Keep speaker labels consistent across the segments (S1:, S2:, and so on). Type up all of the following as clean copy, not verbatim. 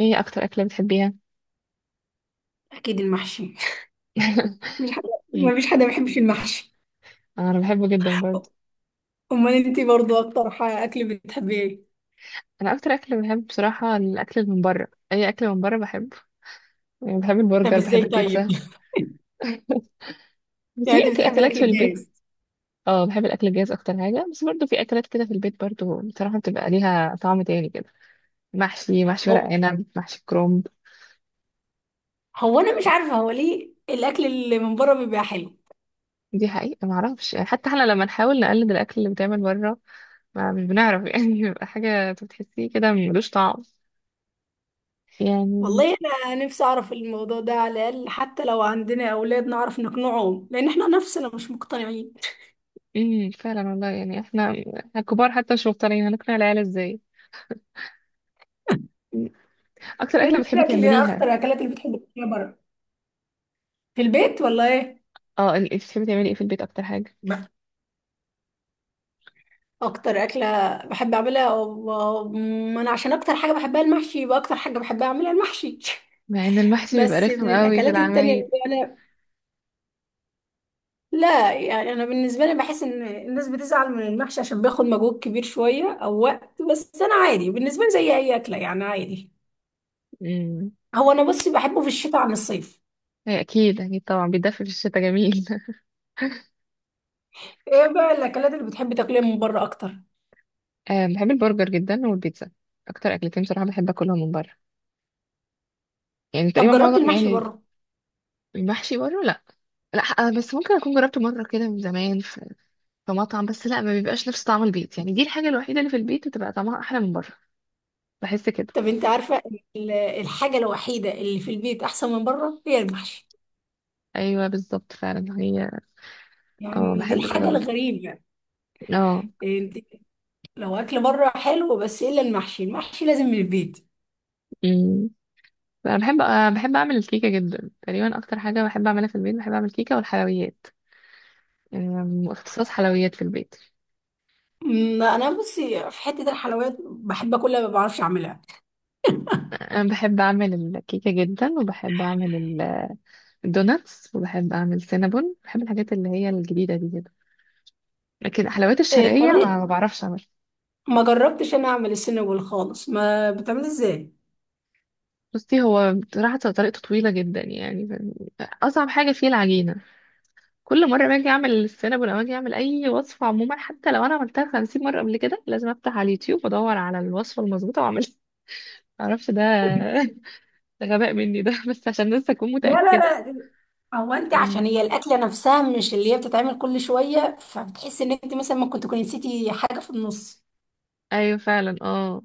S1: ايه اكتر اكلة بتحبيها؟
S2: اكيد المحشي. مفيش حد
S1: مم.
S2: مفيش حد ما بيحبش المحشي.
S1: انا بحبه جدا برضه.
S2: امال انت برضو اكتر اكل بتحبيه ايه؟
S1: انا اكتر اكل بحب بصراحة، الاكل اللي من بره، اي اكل من بره بحبه، يعني بحب
S2: طب
S1: البرجر بحب
S2: ازاي؟ طيب
S1: البيتزا. بس في
S2: يعني انت بتحبي
S1: اكلات
S2: الاكل
S1: في البيت.
S2: الجاهز؟
S1: اه بحب الاكل الجاهز اكتر حاجة، بس برضه في اكلات كده في البيت برضه بصراحة بتبقى ليها طعم تاني كده. محشي، محشي ورق
S2: هو
S1: عنب، محشي كرومب.
S2: هو انا مش عارفه هو ليه الاكل اللي من بره بيبقى حلو.
S1: دي حقيقة ما اعرفش يعني، حتى احنا لما نحاول نقلد الاكل اللي بيتعمل بره ما مش بنعرف يعني بيبقى حاجة بتحسيه كده ملوش طعم، يعني.
S2: والله، انا نفسي اعرف الموضوع ده، على الاقل حتى لو عندنا اولاد نعرف نقنعهم، لان احنا نفسنا مش مقتنعين.
S1: فعلا والله، يعني احنا كبار حتى مش مقتنعين، هنقنع العيال ازاي؟ مم. اكتر
S2: ايه
S1: اكله بتحبي
S2: الاكل؟ ايه اكتر
S1: تعمليها؟
S2: الاكلات اللي بتحب تاكلها بره؟ في البيت ولا ايه؟
S1: اه انت بتحبي تعملي ايه في البيت اكتر حاجه؟
S2: اكتر اكله بحب اعملها ما انا عشان اكتر حاجه بحبها المحشي، يبقى اكتر حاجه بحب اعملها المحشي
S1: مع ان المحشي بيبقى
S2: بس
S1: رخم
S2: من
S1: قوي في
S2: الاكلات التانية
S1: العمايل.
S2: اللي انا، لا يعني انا بالنسبه لي بحس ان الناس بتزعل من المحشي عشان بياخد مجهود كبير شويه او وقت، بس انا عادي بالنسبه لي زي اي اكله يعني، عادي.
S1: امم.
S2: هو انا بصي بحبه في الشتاء عن الصيف.
S1: هي اكيد اكيد طبعا بيتدفى في الشتاء جميل.
S2: ايه بقى الاكلات اللي بتحبي تاكليها من بره اكتر؟
S1: آه بحب البرجر جدا والبيتزا، اكتر اكلتين بصراحه بحب اكلهم من بره، يعني
S2: طب
S1: تقريبا
S2: جربت
S1: معظم
S2: المحشي
S1: يعني.
S2: بره؟
S1: المحشي بره لا. لا آه، بس ممكن اكون جربته مره كده من زمان في مطعم، بس لا ما بيبقاش نفس طعم البيت يعني، دي الحاجه الوحيده اللي في البيت بتبقى طعمها احلى من بره، بحس كده.
S2: طب انت عارفه، الحاجه الوحيده اللي في البيت احسن من بره هي المحشي،
S1: ايوه بالظبط فعلا هي. اه
S2: يعني دي
S1: بحب كده
S2: الحاجه
S1: برضه.
S2: الغريبه.
S1: اه.
S2: انت، لو اكل بره حلو، بس ايه الا المحشي؟ المحشي لازم من البيت.
S1: أمم. انا بحب أنا بحب اعمل الكيكه جدا، تقريبا اكتر حاجه بحب اعملها في البيت بحب اعمل كيكه والحلويات. اختصاص حلويات في البيت.
S2: أمم، انا بصي في حته الحلويات بحب اكلها ما بعرفش اعملها.
S1: انا بحب اعمل الكيكه جدا وبحب اعمل الدوناتس، وبحب اعمل سينابون، بحب الحاجات اللي هي الجديده دي كده. لكن الحلويات
S2: إيه
S1: الشرقيه
S2: بتعملي؟
S1: ما بعرفش اعمل.
S2: ما جربتش انا اعمل السنجول خالص، ما بتعملي ازاي؟
S1: بصي هو بصراحه طريقته طويله جدا يعني، اصعب حاجه فيه العجينه. كل مرة باجي أعمل السينابون، ولا باجي أعمل أي وصفة عموما، حتى لو أنا عملتها 50 مرة قبل كده، لازم أفتح على اليوتيوب وأدور على الوصفة المظبوطة وأعملها. معرفش ده غباء مني ده. بس عشان لسه أكون
S2: لا، لا،
S1: متأكدة.
S2: لا، هو انت
S1: مم.
S2: عشان هي الاكله نفسها مش اللي هي بتتعمل كل شويه، فبتحسي ان انت مثلا ممكن تكوني نسيتي حاجه في النص
S1: أيوة فعلا اه.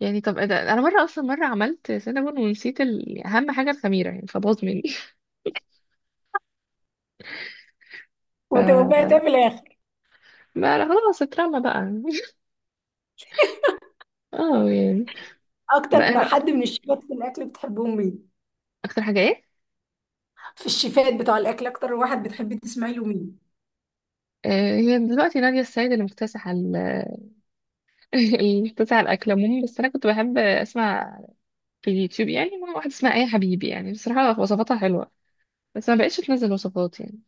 S1: يعني طب إيه ده، أنا مرة أصلا مرة عملت سينابون ونسيت أهم حاجة، الخميرة يعني، فباظ مني.
S2: وتبقى ده
S1: ف
S2: في الاخر.
S1: ما أنا خلاص اترمى بقى. اه يعني.
S2: اكتر
S1: بقى
S2: حد من الشيفات في الاكل بتحبهم مين؟
S1: أكتر حاجة إيه؟
S2: في الشيفات بتوع الاكل اكتر واحد بتحبي تسمعي له مين؟
S1: آه، هي دلوقتي نادية السيد اللي مكتسحة اللي مكتسحة الأكل عموما، بس أنا كنت بحب أسمع في اليوتيوب يعني، مع واحدة اسمها آية حبيبي، يعني بصراحة وصفاتها حلوة بس ما بقتش تنزل وصفات يعني،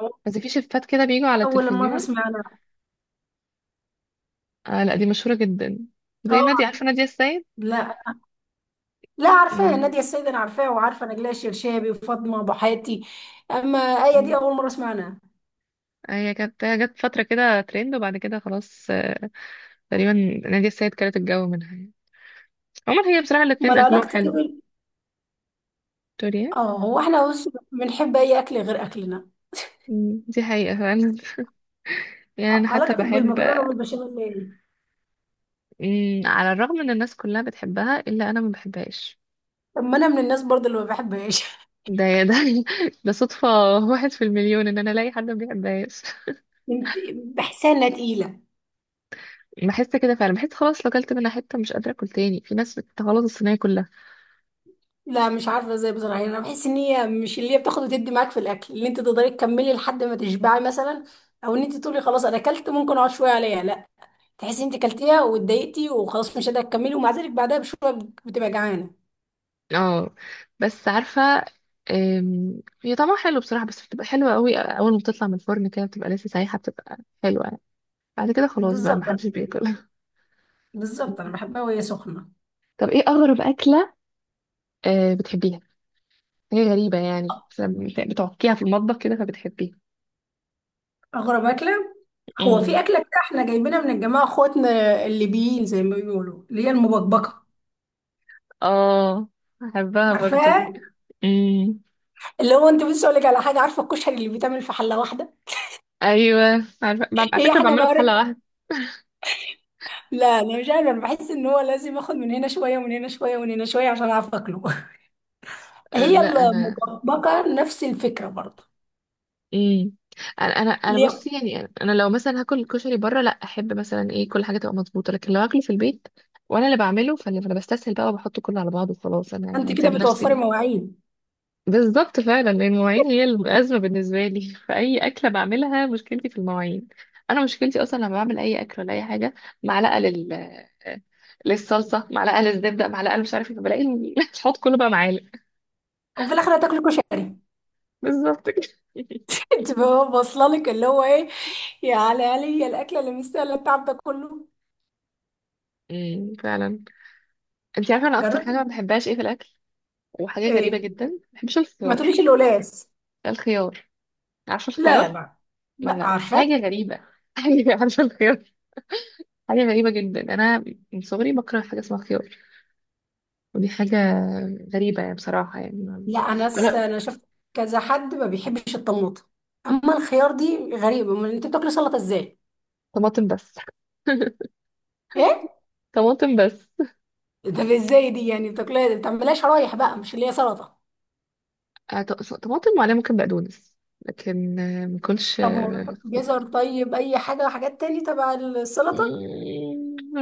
S2: أو-
S1: بس في شيفات كده بيجوا على
S2: اول مره
S1: التلفزيون.
S2: اسمعنا.
S1: آه لا دي مشهورة جدا،
S2: اه،
S1: زي نادية، عارفة نادية السيد؟
S2: لا، لا عارفاه
S1: مم.
S2: نادية السيد، انا عارفاها وعارفه نجلاء الشرشابي وفاطمه ابو حاتي. اما ايه
S1: آه.
S2: دي اول مره اسمعنا.
S1: هي جت فترة كده ترند، وبعد كده خلاص، تقريبا. نادية السيد كانت الجو منها يعني. عموما هي بصراحة الاتنين
S2: امال
S1: أكلهم
S2: علاقتك إيه
S1: حلو.
S2: بال،
S1: توريا.
S2: اه هو احنا بص بنحب اي اكل غير اكلنا.
S1: دي حقيقة فعلا. يعني أنا حتى
S2: علاقتك
S1: بحب
S2: بالمكرونه
S1: آه،
S2: والبشاميل ايه؟
S1: على الرغم إن الناس كلها بتحبها إلا أنا ما بحبهاش.
S2: طب ما انا من الناس برضه اللي ما بحبهاش
S1: ده ده صدفة، واحد في المليون ان انا الاقي حد ما بيحبهاش.
S2: انت- بحسها انها تقيله.
S1: بحس كده فعلا، بحس خلاص لو اكلت منها حتة مش قادرة اكل تاني، في ناس بتغلط الصينية كلها.
S2: لا، مش عارفه ازاي بصراحه، يعني انا بحس ان هي مش اللي هي بتاخد وتدي معاك في الاكل، اللي انت تقدري تكملي لحد ما تشبعي مثلا، او ان انت تقولي خلاص انا اكلت ممكن اقعد شويه عليها، لا، تحسي انت كلتيها واتضايقتي وخلاص مش قادره تكملي، ومع ذلك بعدها بشويه بتبقى جعانه.
S1: اه بس عارفة، هي طعمها حلو بصراحة، بس بتبقى حلوة قوي اول ما بتطلع من الفرن كده بتبقى لسه سايحة، بتبقى حلوة يعني، بعد كده خلاص بقى
S2: بالظبط،
S1: محدش بياكل.
S2: بالظبط انا بحبها وهي سخنه.
S1: طب ايه اغرب اكلة بتحبيها؟ هي غريبة يعني، بس بتعكيها في المطبخ كده فبتحبيها.
S2: اغرب اكله، هو في
S1: امم.
S2: اكله كده احنا جايبينها من الجماعه اخواتنا الليبيين، زي ما بيقولوا اللي هي المبكبكه.
S1: اه بحبها برضو
S2: عارفاها؟
S1: دي. امم.
S2: اللي هو، انت بصي اقول لك على حاجه، عارفه الكشري اللي بيتعمل في حله واحده؟
S1: ايوه عارفة، على
S2: هي
S1: فكره
S2: حاجه
S1: بعمله
S2: بقى.
S1: في حلقه واحده.
S2: لا انا مش عارفه، انا بحس ان هو لازم اخد من هنا شويه ومن هنا شويه ومن هنا شويه عشان اعرف اكله
S1: آه
S2: هي
S1: لا انا.
S2: المبكبكه نفس الفكره برضه.
S1: امم. انا
S2: اللي هي
S1: بصي يعني، انا لو مثلا هاكل الكشري بره لا احب، مثلا ايه كل حاجه تبقى مظبوطه، لكن لو هاكله في البيت وانا اللي بعمله فأنا بستسهل بقى وبحطه كله على بعضه وخلاص، انا
S2: انت
S1: يعني
S2: كده
S1: سايب نفسي
S2: بتوفري
S1: ليه.
S2: مواعين.
S1: بالظبط فعلا، لان المواعين هي الازمه بالنسبه لي. فاي اكله بعملها مشكلتي في المواعين، انا مشكلتي اصلا لما بعمل اي اكل ولا اي حاجه، معلقه للصلصه، معلقه للزبده، معلقه مش عارفه إيه، فبلاقي الحوض كله بقى معالق.
S2: وفي الاخر هتاكل كشري
S1: بالظبط.
S2: تبقى هو واصله لك اللي هو ايه، يا على علي الاكله اللي مستاهله التعب ده كله.
S1: فعلا. انت عارفه انا اكتر حاجه
S2: جربت؟
S1: ما بحبهاش ايه في الاكل، وحاجه غريبه
S2: ايه،
S1: جدا، ما بحبش
S2: ما
S1: الخيار.
S2: تقوليش القلاص.
S1: ده الخيار، عارفه
S2: لا،
S1: الخيار.
S2: لا،
S1: ما
S2: لا
S1: لا حاجه
S2: عارفه.
S1: غريبه حاجه، عارفه الخيار. حاجه غريبه جدا انا من صغري بكره حاجه اسمها خيار، ودي حاجه غريبه يعني بصراحه يعني
S2: لا انا
S1: ولا.
S2: انا شفت كذا حد ما بيحبش الطماطم، اما الخيار دي غريبه، امال انت بتاكلي سلطه ازاي؟
S1: طماطم بس.
S2: ايه؟
S1: طماطم بس.
S2: ده ازاي؟ دي يعني بتاكليها ما بتعملهاش شرايح بقى مش اللي هي سلطه؟
S1: طماطم وعليها ممكن بقدونس، لكن ما كلش.
S2: طب ما جزر؟ طيب اي حاجه، حاجات تاني تبع السلطه.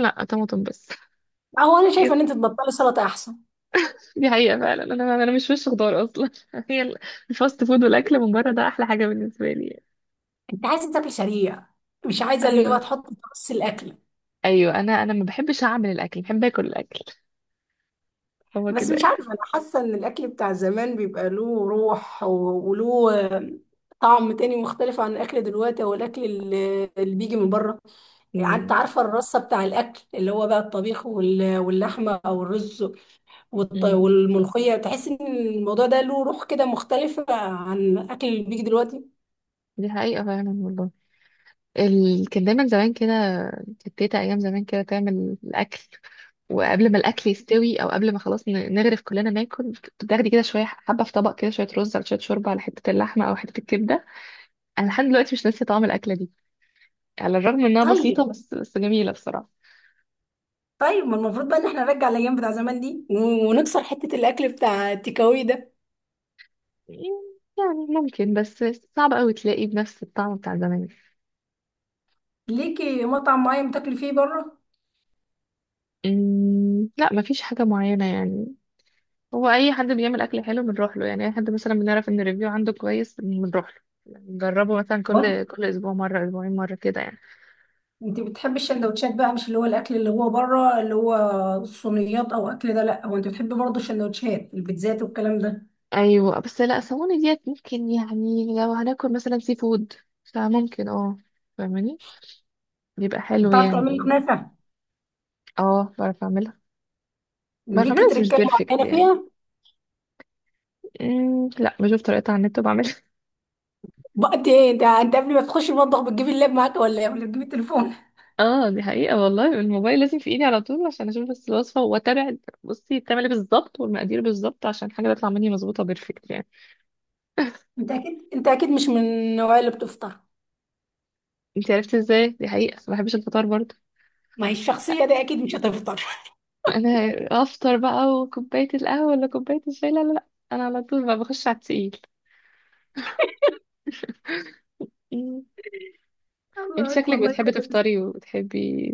S1: لا طماطم بس.
S2: اهو انا شايفه ان انت تبطلي سلطه احسن.
S1: دي حقيقة فعلا، انا مش وش خضار اصلا. هي الفاست فود والاكل من بره ده احلى حاجة بالنسبة لي يعني.
S2: انت عايزه تاكل سريع، مش عايزه اللي هو
S1: ايوه.
S2: تحط في نص الاكل.
S1: ايوه انا ما بحبش اعمل الاكل، بحب اكل الاكل، هو
S2: بس
S1: كده
S2: مش
S1: يعني.
S2: عارفه، انا حاسه ان الاكل بتاع زمان بيبقى له روح وله طعم تاني مختلف عن الاكل دلوقتي، او الاكل اللي بيجي من بره. يعني انت
S1: مم.
S2: عارفه الرصه بتاع الاكل اللي هو بقى الطبيخ واللحمه او الرز
S1: مم.
S2: والملوخيه، تحس ان الموضوع ده له روح كده مختلفه عن الاكل اللي بيجي دلوقتي.
S1: دي حقيقة فعلا والله. كان دايما زمان كده، كانت تيتا ايام زمان كده تعمل الاكل، وقبل ما الاكل يستوي او قبل ما خلاص نغرف كلنا ناكل، بتاخدي كده شويه حبه في طبق كده، شويه رز على شويه شوربه على حته اللحمه او حته الكبده. انا لحد دلوقتي مش ناسيه طعم الاكله دي، على الرغم انها
S2: طيب،
S1: بسيطه، بس جميله بصراحه.
S2: طيب ما المفروض بقى ان احنا نرجع الايام بتاع زمان دي ونكسر حته الاكل بتاع التيكاوي ده.
S1: يعني ممكن، بس صعب قوي تلاقيه بنفس الطعم بتاع زمان.
S2: ليكي مطعم معين بتاكلي فيه بره؟
S1: لا مفيش حاجة معينة يعني، هو أي حد بيعمل أكل حلو بنروح له يعني، أي حد مثلا بنعرف إن الريفيو عنده كويس بنروح له نجربه، مثلا
S2: هو
S1: كل أسبوع مرة، أسبوعين مرة، كده يعني.
S2: انت بتحبي السندوتشات بقى، مش اللي هو الاكل اللي هو بره، اللي هو الصينيات او اكل ده، لا هو انت بتحبي برضه السندوتشات البيتزات والكلام ده.
S1: أيوة بس لا سووني ديت ممكن يعني، لو هناكل مثلا سي فود فممكن، اه فاهماني، بيبقى حلو
S2: وبتعرفي
S1: يعني.
S2: تعملي كنافه؟
S1: اه بعرف أعملها. بعرف
S2: ليكي
S1: أعملها بس مش
S2: تركايه
S1: بيرفكت
S2: معينه
S1: يعني.
S2: فيها؟
S1: لا بشوف طريقتها على النت وبعملها.
S2: بقى انت قبل ما تخشي المطبخ بتجيبي اللاب معاك ولا ايه، ولا بتجيبي التليفون؟
S1: اه دي حقيقة والله، الموبايل لازم في ايدي على طول عشان اشوف بس الوصفة واتابع، بصي بتعمل ايه بالظبط والمقادير بالظبط عشان حاجة تطلع مني مظبوطة بيرفكت يعني.
S2: انت اكيد، انت اكيد مش من النوعيه اللي بتفطر،
S1: انت عرفتي ازاي؟ دي حقيقة ما بحبش الفطار برضه.
S2: ما هي الشخصيه دي اكيد مش هتفطر.
S1: انا افطر بقى وكوباية القهوة ولا كوباية الشاي؟ لا لا لا، انا على طول بقى بخش على التقيل. مم. انت
S2: الله
S1: شكلك
S2: والله
S1: بتحبي
S2: كويس.
S1: تفطري وبتحبي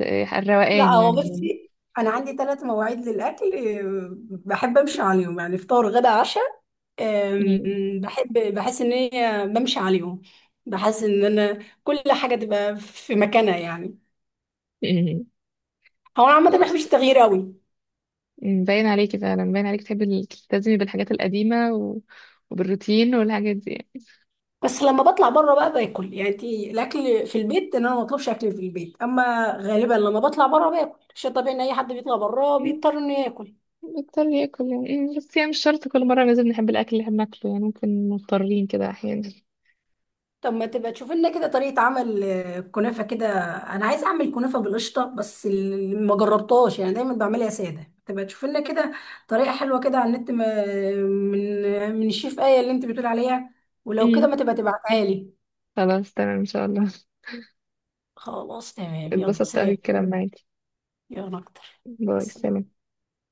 S2: لا
S1: الروقان
S2: هو
S1: يعني.
S2: بصي، انا عندي 3 مواعيد للاكل، بحب امشي عليهم يعني فطار غدا عشاء، أم،
S1: مم.
S2: بحب بحس ان هي بمشي عليهم، بحس ان انا كل حاجه تبقى في مكانها يعني.
S1: مم.
S2: هو انا عامه
S1: مم.
S2: ما بحبش التغيير قوي.
S1: باين عليكي فعلا، باين عليكي تحبي تلتزمي بالحاجات القديمة وبالروتين والحاجات دي
S2: بس لما بطلع بره بقى باكل، يعني انت الاكل في البيت ان انا ما بطلبش اكل في البيت، اما غالبا لما بطلع بره باكل، شيء طبيعي ان اي حد بيطلع بره
S1: يعني.
S2: بيضطر انه ياكل.
S1: بضطر ياكل يعني، بس يعني مش شرط كل مرة لازم نحب الأكل اللي احنا بناكله يعني، ممكن مضطرين كده أحيانا.
S2: طب ما تبقى تشوف لنا كده طريقة عمل كنافة كده. أنا عايزة أعمل كنافة بالقشطة، بس ما جربتهاش، يعني دايما بعملها سادة، تبقى تشوف لنا كده طريقة حلوة كده على النت، من الشيف آية اللي أنت بتقول عليها، ولو كده
S1: أمم،
S2: ما تبقى تبعتها لي.
S1: خلاص تمام إن شاء الله.
S2: خلاص تمام، يلا
S1: اتبسطت أوي
S2: سلام.
S1: الكلام معاكي.
S2: يلا أكتر،
S1: باي
S2: سلام.
S1: سلام.